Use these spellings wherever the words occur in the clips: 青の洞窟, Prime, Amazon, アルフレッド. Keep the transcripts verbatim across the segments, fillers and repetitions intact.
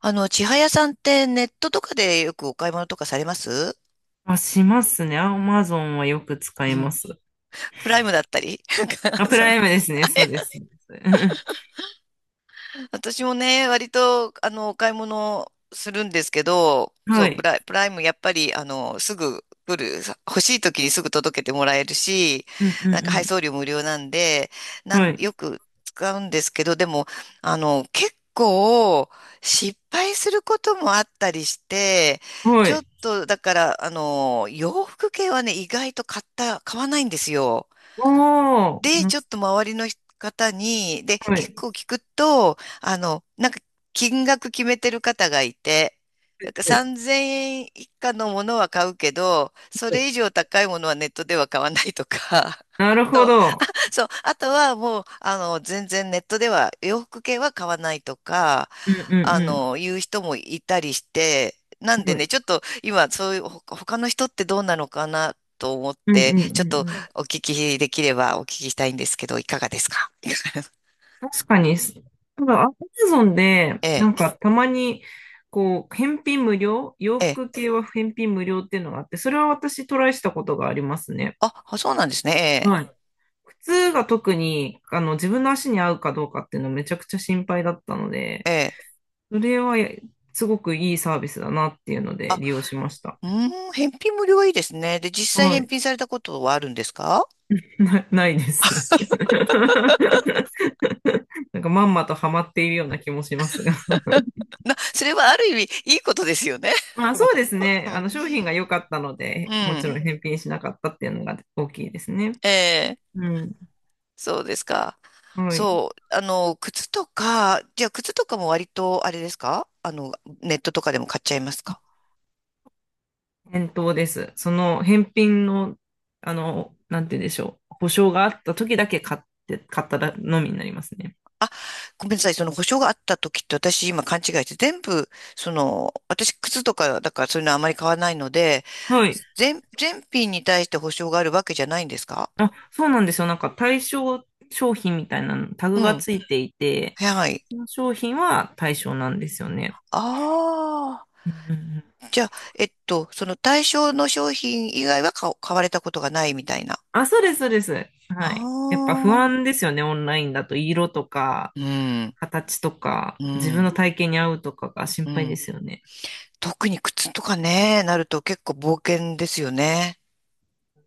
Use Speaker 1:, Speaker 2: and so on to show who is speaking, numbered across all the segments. Speaker 1: あの、千早さんってネットとかでよくお買い物とかされます
Speaker 2: あ、しますね。アマゾンはよく使
Speaker 1: う
Speaker 2: いま
Speaker 1: ん。
Speaker 2: す。
Speaker 1: プライムだったり。
Speaker 2: あ、プラ イムですね。そうです。そうです。
Speaker 1: 私もね、割と、あの、お買い物するんですけど、そ
Speaker 2: は
Speaker 1: う、プ
Speaker 2: い。
Speaker 1: ライ、プライム、やっぱり、あの、すぐ来る、さ欲しい時にすぐ届けてもらえるし、
Speaker 2: うんう
Speaker 1: なんか配送
Speaker 2: ん
Speaker 1: 料無料なんで、な
Speaker 2: うん。は
Speaker 1: ん、よ
Speaker 2: い。
Speaker 1: く使うんですけど、でも、あの、結構、失敗することもあったりして、
Speaker 2: は
Speaker 1: ちょっ
Speaker 2: い。
Speaker 1: と、だから、あの、洋服系はね、意外と買った、買わないんですよ。
Speaker 2: おー。
Speaker 1: で、
Speaker 2: な
Speaker 1: ちょっと周りの方に、で、
Speaker 2: は
Speaker 1: 結
Speaker 2: い。
Speaker 1: 構聞くと、あの、なんか金額決めてる方がいて、なんか
Speaker 2: はい。
Speaker 1: さんぜんえんいか以下のものは買うけど、そ
Speaker 2: はい。
Speaker 1: れ以上高いものはネットでは買わないとか、
Speaker 2: な
Speaker 1: あ
Speaker 2: るほ
Speaker 1: と、
Speaker 2: ど。
Speaker 1: そう、あとはもう、あの、全然ネットでは洋服系は買わないとか、
Speaker 2: うん
Speaker 1: あ
Speaker 2: う
Speaker 1: の、言う人もいたりして、なん
Speaker 2: んうん。
Speaker 1: で
Speaker 2: はい。
Speaker 1: ね、ちょっと今、そういう、ほ他の人ってどうなのかなと思っ
Speaker 2: うんうん
Speaker 1: て、
Speaker 2: う
Speaker 1: ちょっ
Speaker 2: ん
Speaker 1: と
Speaker 2: うん。
Speaker 1: お聞きできればお聞きしたいんですけど、いかがですか？
Speaker 2: 確かに、すただ、アマゾンで、
Speaker 1: え
Speaker 2: な
Speaker 1: え、
Speaker 2: んかたまに、こう、返品無料、洋
Speaker 1: ええ。
Speaker 2: 服系は返品無料っていうのがあって、それは私トライしたことがありますね。
Speaker 1: あ、あそうなんですね。
Speaker 2: はい。靴が特に、あの、自分の足に合うかどうかっていうのめちゃくちゃ心配だったので、
Speaker 1: ええ、ええ。
Speaker 2: それはやすごくいいサービスだなっていうので
Speaker 1: あ、
Speaker 2: 利用しました。
Speaker 1: うーん、返品無料はいいですね。で、実際
Speaker 2: は
Speaker 1: 返
Speaker 2: い。
Speaker 1: 品されたことはあるんですか？
Speaker 2: な、ないです。なんかまんまとハマっているような気もしますが。
Speaker 1: な、それはある意味、いいことですよね。
Speaker 2: ま あ
Speaker 1: も
Speaker 2: そうですね。あの
Speaker 1: う。
Speaker 2: 商品が良かったの
Speaker 1: うん。
Speaker 2: で、もち
Speaker 1: うん。
Speaker 2: ろん返品しなかったっていうのが大きいですね。
Speaker 1: ええ、
Speaker 2: うん。
Speaker 1: そうですか。
Speaker 2: はい。
Speaker 1: そう、あの、靴とか、じゃあ靴とかも割とあれですか？あの、ネットとかでも買っちゃいますか？
Speaker 2: 返答です。その返品の、あの、なんて言うんでしょう。保証があった時だけ買って、買ったのみになりますね。
Speaker 1: ごめんなさい、その保証があった時って私今勘違いして全部、その、私靴とかだからそういうのはあまり買わないので、
Speaker 2: はい。
Speaker 1: 全、全品に対して保証があるわけじゃないんですか？
Speaker 2: あ、そうなんですよ。なんか対象商品みたいなのタグ
Speaker 1: う
Speaker 2: が
Speaker 1: ん。
Speaker 2: ついていて、
Speaker 1: はい。
Speaker 2: その商品は対象なんですよね。
Speaker 1: あ
Speaker 2: うんうんうん。
Speaker 1: あ。じゃあ、えっと、その対象の商品以外は買お買われたことがないみたいな。
Speaker 2: あ、そうです、そうです。はい。やっぱ不
Speaker 1: あ
Speaker 2: 安
Speaker 1: あ。
Speaker 2: ですよね、オンラインだと。色とか、
Speaker 1: うん。
Speaker 2: 形とか、
Speaker 1: う
Speaker 2: 自分
Speaker 1: ん。
Speaker 2: の体型に合うとかが心
Speaker 1: う
Speaker 2: 配で
Speaker 1: ん。
Speaker 2: すよね。
Speaker 1: 特に靴とかね、なると結構冒険ですよね。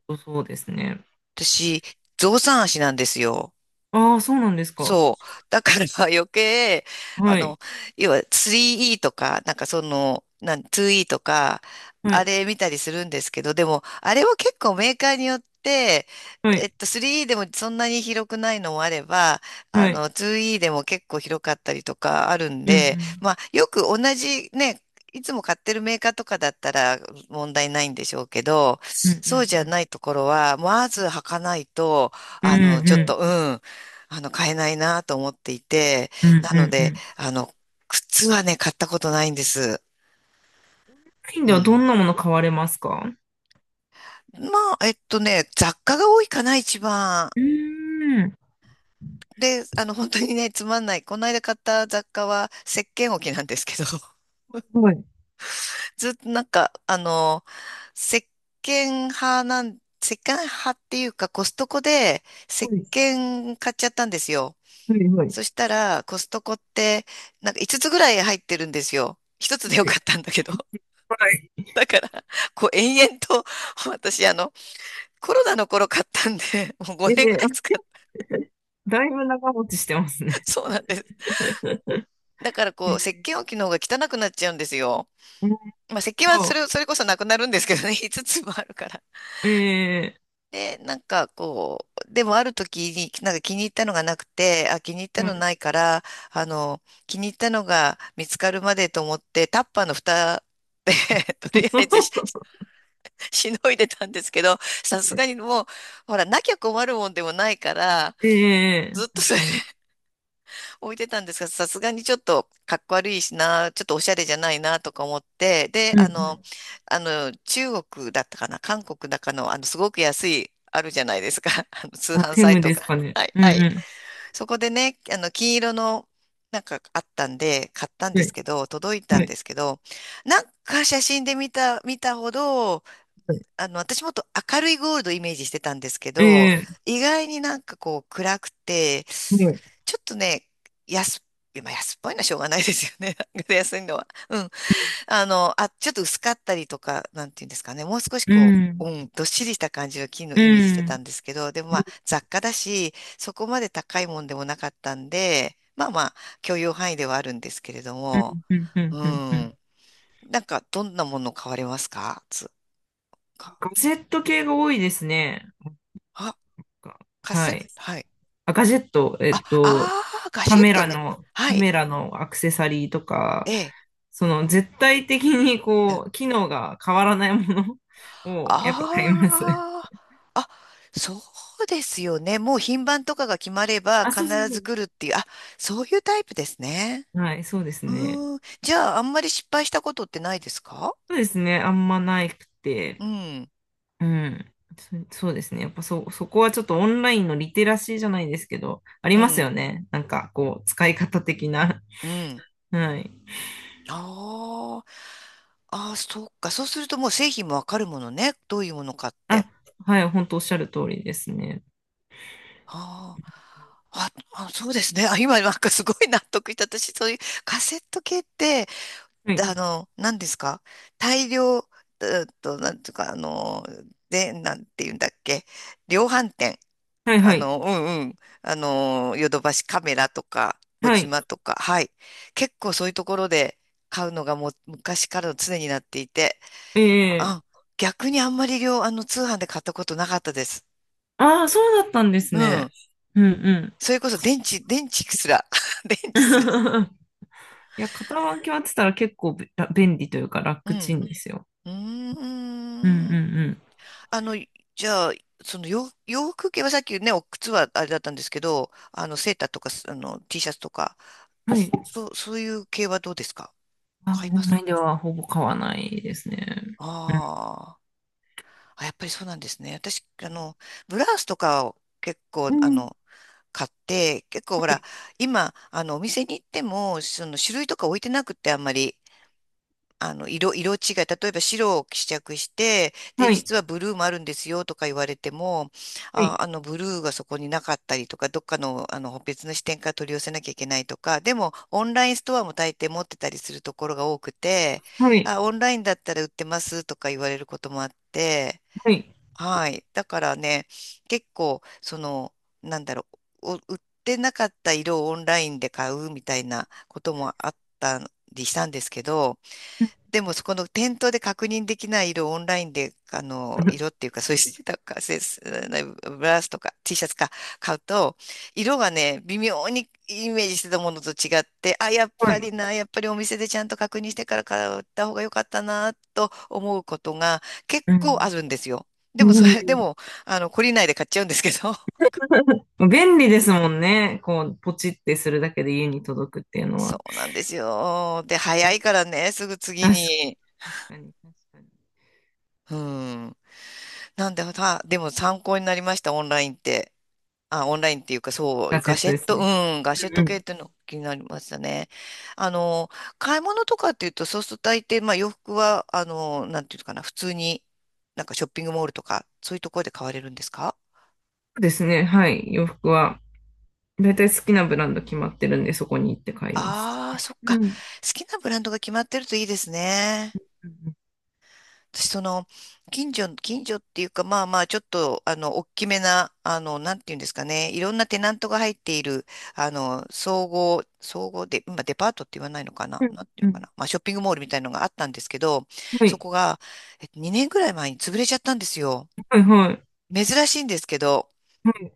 Speaker 2: そうそうですね。
Speaker 1: 私、象さん足なんですよ。
Speaker 2: ああ、そうなんですか。
Speaker 1: そう。だから 余計、あ
Speaker 2: はい。
Speaker 1: の、要は スリーイー とか、なんかその、なん、ツーイー とか、
Speaker 2: は
Speaker 1: あ
Speaker 2: い。
Speaker 1: れ見たりするんですけど、でも、あれは結構メーカーによって、
Speaker 2: は
Speaker 1: えっ
Speaker 2: い。
Speaker 1: と、スリーイー でもそんなに広くないのもあれば、あ
Speaker 2: はい。
Speaker 1: の、ツーイー でも結構広かったりとかあるん
Speaker 2: う
Speaker 1: で、
Speaker 2: ん
Speaker 1: まあ、よく同じね、いつも買ってるメーカーとかだったら問題ないんでしょうけど、
Speaker 2: うん。う
Speaker 1: そうじ
Speaker 2: んう
Speaker 1: ゃ
Speaker 2: ん
Speaker 1: ないところは、まず履かないと、
Speaker 2: うん。
Speaker 1: あの、
Speaker 2: うん
Speaker 1: ちょっ
Speaker 2: う
Speaker 1: と、う
Speaker 2: ん。
Speaker 1: ん。あの、買えないなと思っていて、
Speaker 2: うんう
Speaker 1: なの
Speaker 2: んう
Speaker 1: で、
Speaker 2: ん。
Speaker 1: あの、靴はね、買ったことないんです。
Speaker 2: スペイン
Speaker 1: う
Speaker 2: ではど
Speaker 1: ん。
Speaker 2: んなもの買われますか？
Speaker 1: まあ、えっとね、雑貨が多いかな、一番。
Speaker 2: うーん。
Speaker 1: で、あの、本当にね、つまんない。この間買った雑貨は、石鹸置きなんですけど、
Speaker 2: はい。
Speaker 1: ずっとなんか、あの、石鹸派なん、石鹸派っていうか、コストコで
Speaker 2: は
Speaker 1: 石
Speaker 2: い。
Speaker 1: 鹸買っちゃったんですよ。
Speaker 2: はい。は
Speaker 1: そ
Speaker 2: い。
Speaker 1: したら、コストコって、なんかいつつぐらい入ってるんですよ。ひとつでよ
Speaker 2: は
Speaker 1: か
Speaker 2: い
Speaker 1: ったんだけど。こう延々と、私、あの、コロナの頃買ったんで、もう
Speaker 2: はい
Speaker 1: ごねん
Speaker 2: はい
Speaker 1: ぐ
Speaker 2: はい
Speaker 1: らい
Speaker 2: はい。
Speaker 1: 使っ
Speaker 2: え
Speaker 1: た。
Speaker 2: ー、だいぶ長持ちしてます ね。
Speaker 1: そうなんです。だから
Speaker 2: え
Speaker 1: こう、石鹸置
Speaker 2: ー。
Speaker 1: きの方が汚くなっちゃうんですよ。
Speaker 2: なる
Speaker 1: まあ、石鹸は
Speaker 2: ほ
Speaker 1: そ
Speaker 2: ど。
Speaker 1: れ、それこそなくなるんですけどね、いつつもあるから。
Speaker 2: え
Speaker 1: で、なんかこう、でもある時に、なんか気に入ったのがなくて、あ、気に入った
Speaker 2: ー、は
Speaker 1: の
Speaker 2: い。
Speaker 1: ないから、あの、気に入ったのが見つかるまでと思って、タッパーの蓋で とりあえずし、しのいでたんですけど、さすがにもう、ほら、なきゃ困るもんでもないから、
Speaker 2: え
Speaker 1: ず
Speaker 2: ー、
Speaker 1: っと
Speaker 2: 確
Speaker 1: それ
Speaker 2: かに。
Speaker 1: 置いてたんですが、さすがにちょっとかっこ悪いしな、ちょっとおしゃれじゃないなとか思って、で、
Speaker 2: うん
Speaker 1: あの、
Speaker 2: う
Speaker 1: あの、中国だったかな、韓国だかの、あの、すごく安い、あるじゃないですか、あの、通
Speaker 2: ん。あ、
Speaker 1: 販
Speaker 2: テ
Speaker 1: サイ
Speaker 2: ム
Speaker 1: ト
Speaker 2: で
Speaker 1: が。
Speaker 2: すかね。
Speaker 1: はい、
Speaker 2: うん
Speaker 1: はい。
Speaker 2: う
Speaker 1: そこでね、あの、金色の、なんかあったんで、買ったん
Speaker 2: ん。
Speaker 1: で
Speaker 2: は
Speaker 1: す
Speaker 2: い。
Speaker 1: けど、届いた
Speaker 2: は
Speaker 1: ん
Speaker 2: い。
Speaker 1: ですけど、なんか写真で見た、見たほど、
Speaker 2: はい。
Speaker 1: あの、私もっと明るいゴールドをイメージしてたんですけど、
Speaker 2: え
Speaker 1: 意外になんかこう暗くて、
Speaker 2: ー、はい。
Speaker 1: ちょっとね、安、まあ安っぽいのはしょうがないですよね。なんか安いのは。うん。あの、あ、ちょっと薄かったりとか、なんていうんですかね。もう少し
Speaker 2: うん。
Speaker 1: こ
Speaker 2: うん。
Speaker 1: う、うん、どっしりした感じの金の
Speaker 2: う
Speaker 1: イメージしてた
Speaker 2: ん。
Speaker 1: んですけど、でもま
Speaker 2: う
Speaker 1: あ
Speaker 2: ん。
Speaker 1: 雑貨だし、そこまで高いもんでもなかったんで、まあまあ許容範囲ではあるんですけれど
Speaker 2: う
Speaker 1: も、
Speaker 2: ん。うん。うん。
Speaker 1: う
Speaker 2: うん。うん。
Speaker 1: ん。なんかどんなもの買われますか？つか。
Speaker 2: ガジェット系が多いですね。が
Speaker 1: カセ
Speaker 2: は
Speaker 1: ッ
Speaker 2: い。
Speaker 1: ト、はい。
Speaker 2: あ、ガジェット、え
Speaker 1: あ、
Speaker 2: っと、
Speaker 1: ああ、ガ
Speaker 2: カ
Speaker 1: シェッ
Speaker 2: メ
Speaker 1: ト
Speaker 2: ラ
Speaker 1: ね。
Speaker 2: の、
Speaker 1: は
Speaker 2: カ
Speaker 1: い。
Speaker 2: メラのアクセサリーと
Speaker 1: え
Speaker 2: か、
Speaker 1: え。
Speaker 2: その絶対的にこう、機能が変わらないもの をやっぱ買います。
Speaker 1: ああー、あ、そうですよね。もう品番とかが決まれば
Speaker 2: あ、
Speaker 1: 必
Speaker 2: そうそうそ
Speaker 1: ず
Speaker 2: う。
Speaker 1: 来るっていう。あ、そういうタイプですね。
Speaker 2: はい、そうですね。
Speaker 1: うーん。じゃあ、あんまり失敗したことってないですか？
Speaker 2: そうですね。あんまないく
Speaker 1: う
Speaker 2: て。
Speaker 1: ん、
Speaker 2: うん。そ、そうですね。やっぱそ、そこはちょっとオンラインのリテラシーじゃないですけど、あり
Speaker 1: う
Speaker 2: ますよ
Speaker 1: ん、
Speaker 2: ね。なんかこう、使い方的な。
Speaker 1: うん。
Speaker 2: はい。
Speaker 1: あー、あー、そっか。そうするともう製品もわかるものね。どういうものかっ
Speaker 2: あ、
Speaker 1: て。
Speaker 2: はい、本当おっしゃる通りですね。
Speaker 1: あー、あ、あ、そうですね。あ、今なんかすごい納得した。私、そういうカセット系って、
Speaker 2: は
Speaker 1: あ
Speaker 2: い。
Speaker 1: の、何ですか？大量、えっと、なんていうか、あの、で、なんて言うんだっけ？量販店。
Speaker 2: はい
Speaker 1: あ
Speaker 2: はい。
Speaker 1: の、うんうん。あの、ヨドバシカメラとか、小
Speaker 2: はい。
Speaker 1: 島とか、はい。結構そういうところで買うのがもう昔からの常になっていて、
Speaker 2: ええ。
Speaker 1: あ、逆にあんまり量、あの、通販で買ったことなかったです。
Speaker 2: ああー、そうだったんです
Speaker 1: う
Speaker 2: ね。
Speaker 1: ん。
Speaker 2: うんうん。
Speaker 1: それこそ電池、電池すら。電池すら。
Speaker 2: いや、肩書きはってたら結構べ便利というか
Speaker 1: う
Speaker 2: 楽ち
Speaker 1: ん。
Speaker 2: んですよ。
Speaker 1: うー
Speaker 2: うんうん
Speaker 1: ん。
Speaker 2: う
Speaker 1: あの、じゃあ、その洋、洋服系はさっきね、お靴はあれだったんですけど、あの、セーターとか、あの、T シャツとか、
Speaker 2: ん。はい。
Speaker 1: そう、そういう系はどうですか？
Speaker 2: あ、
Speaker 1: 買い
Speaker 2: オ
Speaker 1: ま
Speaker 2: ン
Speaker 1: す
Speaker 2: ライ
Speaker 1: か？
Speaker 2: ンではほぼ買わないですね。うん。
Speaker 1: あー、あ、やっぱりそうなんですね。私、あの、ブラウスとかを結構、
Speaker 2: う
Speaker 1: あ
Speaker 2: ん。
Speaker 1: の、買って、結構
Speaker 2: は
Speaker 1: ほら、
Speaker 2: い。
Speaker 1: 今、あの、お店に行っても、その種類とか置いてなくって、あんまり。あの、色、色違い、例えば白を試着して、で、
Speaker 2: はい。
Speaker 1: 実はブルーもあるんですよとか言われても、
Speaker 2: は
Speaker 1: あ、
Speaker 2: い。
Speaker 1: あの、ブルーがそこになかったりとか、どっかの、あの、別の視点から取り寄せなきゃいけないとか、でも、オンラインストアも大抵持ってたりするところが多くて、
Speaker 2: はい。
Speaker 1: あ、オンラインだったら売ってますとか言われることもあって、
Speaker 2: はい。
Speaker 1: はい。だからね、結構、その、なんだろう、お売ってなかった色をオンラインで買うみたいなこともあったりしたんですけど、
Speaker 2: う
Speaker 1: でも、そこの店頭で確認できない色をオンラインで、あの、
Speaker 2: ん。
Speaker 1: 色っていうか、そういうなんか、せすブラウスとか T シャツか買うと、色がね、微妙にイメージしてたものと違って、あ、やっ
Speaker 2: は
Speaker 1: ぱ
Speaker 2: い。
Speaker 1: りな、やっぱりお店でちゃんと確認してから買った方が良かったな、と思うことが結
Speaker 2: う
Speaker 1: 構あ
Speaker 2: ん。
Speaker 1: るんですよ。でも、
Speaker 2: う
Speaker 1: それ、で
Speaker 2: ん。
Speaker 1: も、あの、懲りないで買っちゃうんですけど。
Speaker 2: 便利ですもんね。こう、ポチってするだけで家に届くっていうの
Speaker 1: そ
Speaker 2: は。
Speaker 1: うなんですよ。で、早いからね、すぐ次
Speaker 2: 確か
Speaker 1: に。
Speaker 2: 確かに、確かに。
Speaker 1: うん。なんで、たでも参考になりました、オンラインって。あ、オンラインっていうか、そう、
Speaker 2: ガジェ
Speaker 1: ガ
Speaker 2: ッ
Speaker 1: シ
Speaker 2: ト
Speaker 1: ェッ
Speaker 2: です
Speaker 1: ト、う
Speaker 2: ね。
Speaker 1: ん、ガシ
Speaker 2: う
Speaker 1: ェッ
Speaker 2: ん
Speaker 1: ト
Speaker 2: うん。
Speaker 1: 系っ
Speaker 2: そ
Speaker 1: ていうの気になりましたね。あの、買い物とかっていうと、そうすると大抵、まあ洋服は、あの、なんていうのかな、普通に、なんかショッピングモールとか、そういうところで買われるんですか？
Speaker 2: うですね。はい。洋服は、だいたい好きなブランド決まってるんで、そこに行って買います。
Speaker 1: ああー、そっ
Speaker 2: う
Speaker 1: か。
Speaker 2: ん。
Speaker 1: 好きなブランドが決まってるといいですね。
Speaker 2: うん
Speaker 1: 私、その、近所、近所っていうか、まあまあ、ちょっと、あの、大きめな、あの、なんていうんですかね、いろんなテナントが入っている、あの、総合、総合で、今、デパートって言わないのかな、
Speaker 2: うん
Speaker 1: なんていう
Speaker 2: う
Speaker 1: のか
Speaker 2: ん。
Speaker 1: な、まあ、ショッピングモールみたいのがあったんですけど、
Speaker 2: は
Speaker 1: そ
Speaker 2: い。
Speaker 1: こが、えっと、にねんぐらい前に潰れちゃったんですよ。
Speaker 2: はい、はい。
Speaker 1: 珍しいんですけど、
Speaker 2: はい、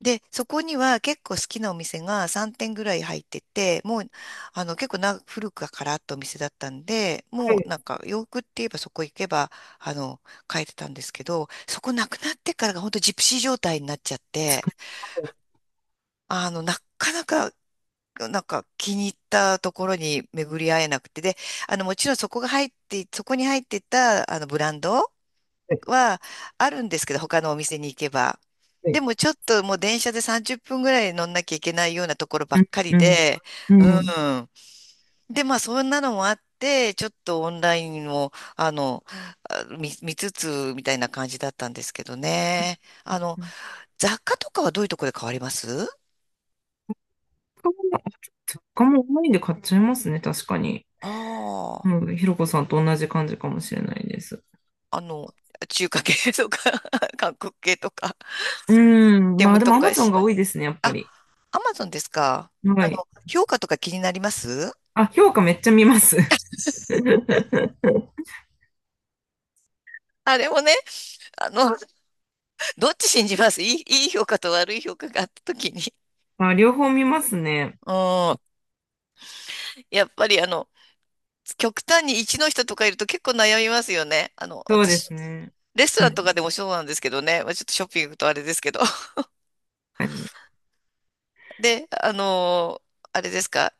Speaker 1: で、そこには結構好きなお店がさん店ぐらい入ってて、もう、あの、結構な、古くからあったお店だったんで、
Speaker 2: は
Speaker 1: もう
Speaker 2: い。
Speaker 1: なんか洋服って言えばそこ行けば、あの、買えてたんですけど、そこなくなってからが本当ジプシー状態になっちゃっ
Speaker 2: 確
Speaker 1: て、
Speaker 2: かに。
Speaker 1: あの、なかなか、なんか気に入ったところに巡り合えなくて、で、あの、もちろんそこが入って、そこに入ってた、あの、ブランド
Speaker 2: はい、はい、
Speaker 1: はあるんですけど、他のお店に行けば。
Speaker 2: は
Speaker 1: で
Speaker 2: い。
Speaker 1: もちょっともう電車でさんじゅっぷんぐらい乗んなきゃいけないようなところば
Speaker 2: う
Speaker 1: っかり
Speaker 2: ん、
Speaker 1: で、
Speaker 2: う
Speaker 1: う
Speaker 2: ん、う
Speaker 1: ん。で、まあそんなのもあって、ちょっとオンラインも、あの、あ見、見つつみたいな感じだったんですけどね。あの、
Speaker 2: ん。
Speaker 1: 雑貨とかはどういうところで変わります
Speaker 2: 他も、雑もオンラインで買っちゃいますね。確かに。
Speaker 1: ああ、
Speaker 2: うん。ひろこさんと同じ感じかもしれないです。
Speaker 1: あの、中華系とか 韓国系とか、
Speaker 2: うん。
Speaker 1: テ
Speaker 2: まあ、
Speaker 1: ム
Speaker 2: で
Speaker 1: と
Speaker 2: も
Speaker 1: か
Speaker 2: アマゾン
Speaker 1: し、
Speaker 2: が多いですね、やっぱ
Speaker 1: あ、
Speaker 2: り。
Speaker 1: アマゾンですか。あ
Speaker 2: はい。
Speaker 1: の、評価とか気になります
Speaker 2: あ、評価めっちゃ見ます。
Speaker 1: あれもね、あの、どっち信じますいい、いい評価と悪い評価があった時に。
Speaker 2: あ、両方見ますね。
Speaker 1: うん。やっぱりあの、極端に一の人とかいると結構悩みますよね。あの、
Speaker 2: そうで
Speaker 1: 私、
Speaker 2: すね。
Speaker 1: レスト
Speaker 2: う
Speaker 1: ランとか
Speaker 2: ん。
Speaker 1: でもそうなんですけどね。まあ、ちょっとショッピングとあれですけど。で、あのーあれですか。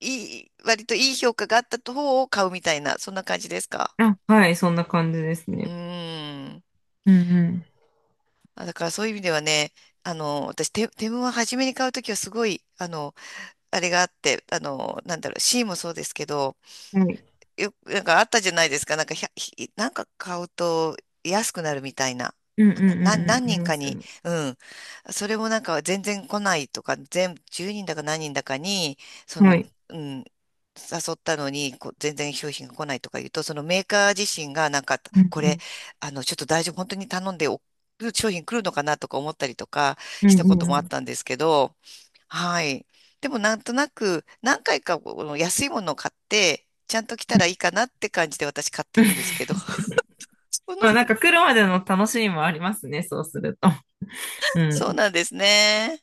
Speaker 1: いい、割といい評価があった方を買うみたいな、そんな感じですか。
Speaker 2: あのあ、はい、そんな感じです
Speaker 1: うー
Speaker 2: ね。
Speaker 1: ん。
Speaker 2: うん
Speaker 1: あだからそういう意味ではね、あの、私、テ、テムは初めに買うときはすごい、あの、あれがあって、あの、なんだろう、シーもそうですけど、
Speaker 2: うん。はい。
Speaker 1: よ、なんかあったじゃないですか。なんか、ひゃひなんか買うと安くなるみたいな。
Speaker 2: うんうん
Speaker 1: な
Speaker 2: う
Speaker 1: んだ、な、
Speaker 2: んうん。
Speaker 1: 何
Speaker 2: あり
Speaker 1: 人
Speaker 2: ま
Speaker 1: か
Speaker 2: すよ
Speaker 1: に、
Speaker 2: ね。
Speaker 1: うん。それもなんか全然来ないとか、全、じゅうにんだか何人だかに、そ
Speaker 2: は
Speaker 1: の、
Speaker 2: い。
Speaker 1: うん、誘ったのに、こう、全然商品が来ないとか言うと、そのメーカー自身がなんか、
Speaker 2: うん
Speaker 1: こ
Speaker 2: う
Speaker 1: れ、
Speaker 2: ん。
Speaker 1: あの、ちょっと大丈夫、本当に頼んでお、商品来るのかなとか思ったりとか
Speaker 2: う
Speaker 1: し
Speaker 2: ん
Speaker 1: た
Speaker 2: う
Speaker 1: こと
Speaker 2: んう
Speaker 1: もあっ
Speaker 2: ん。
Speaker 1: たんですけど、はい。でもなんとなく何回かこの安いものを買って、ちゃんと着た
Speaker 2: う
Speaker 1: らい
Speaker 2: ん。
Speaker 1: いかなって感じで私買ってるんですけど。その、
Speaker 2: まあなんか来るまでの楽しみもありますね、そうすると。う
Speaker 1: そう
Speaker 2: ん。
Speaker 1: なんですね。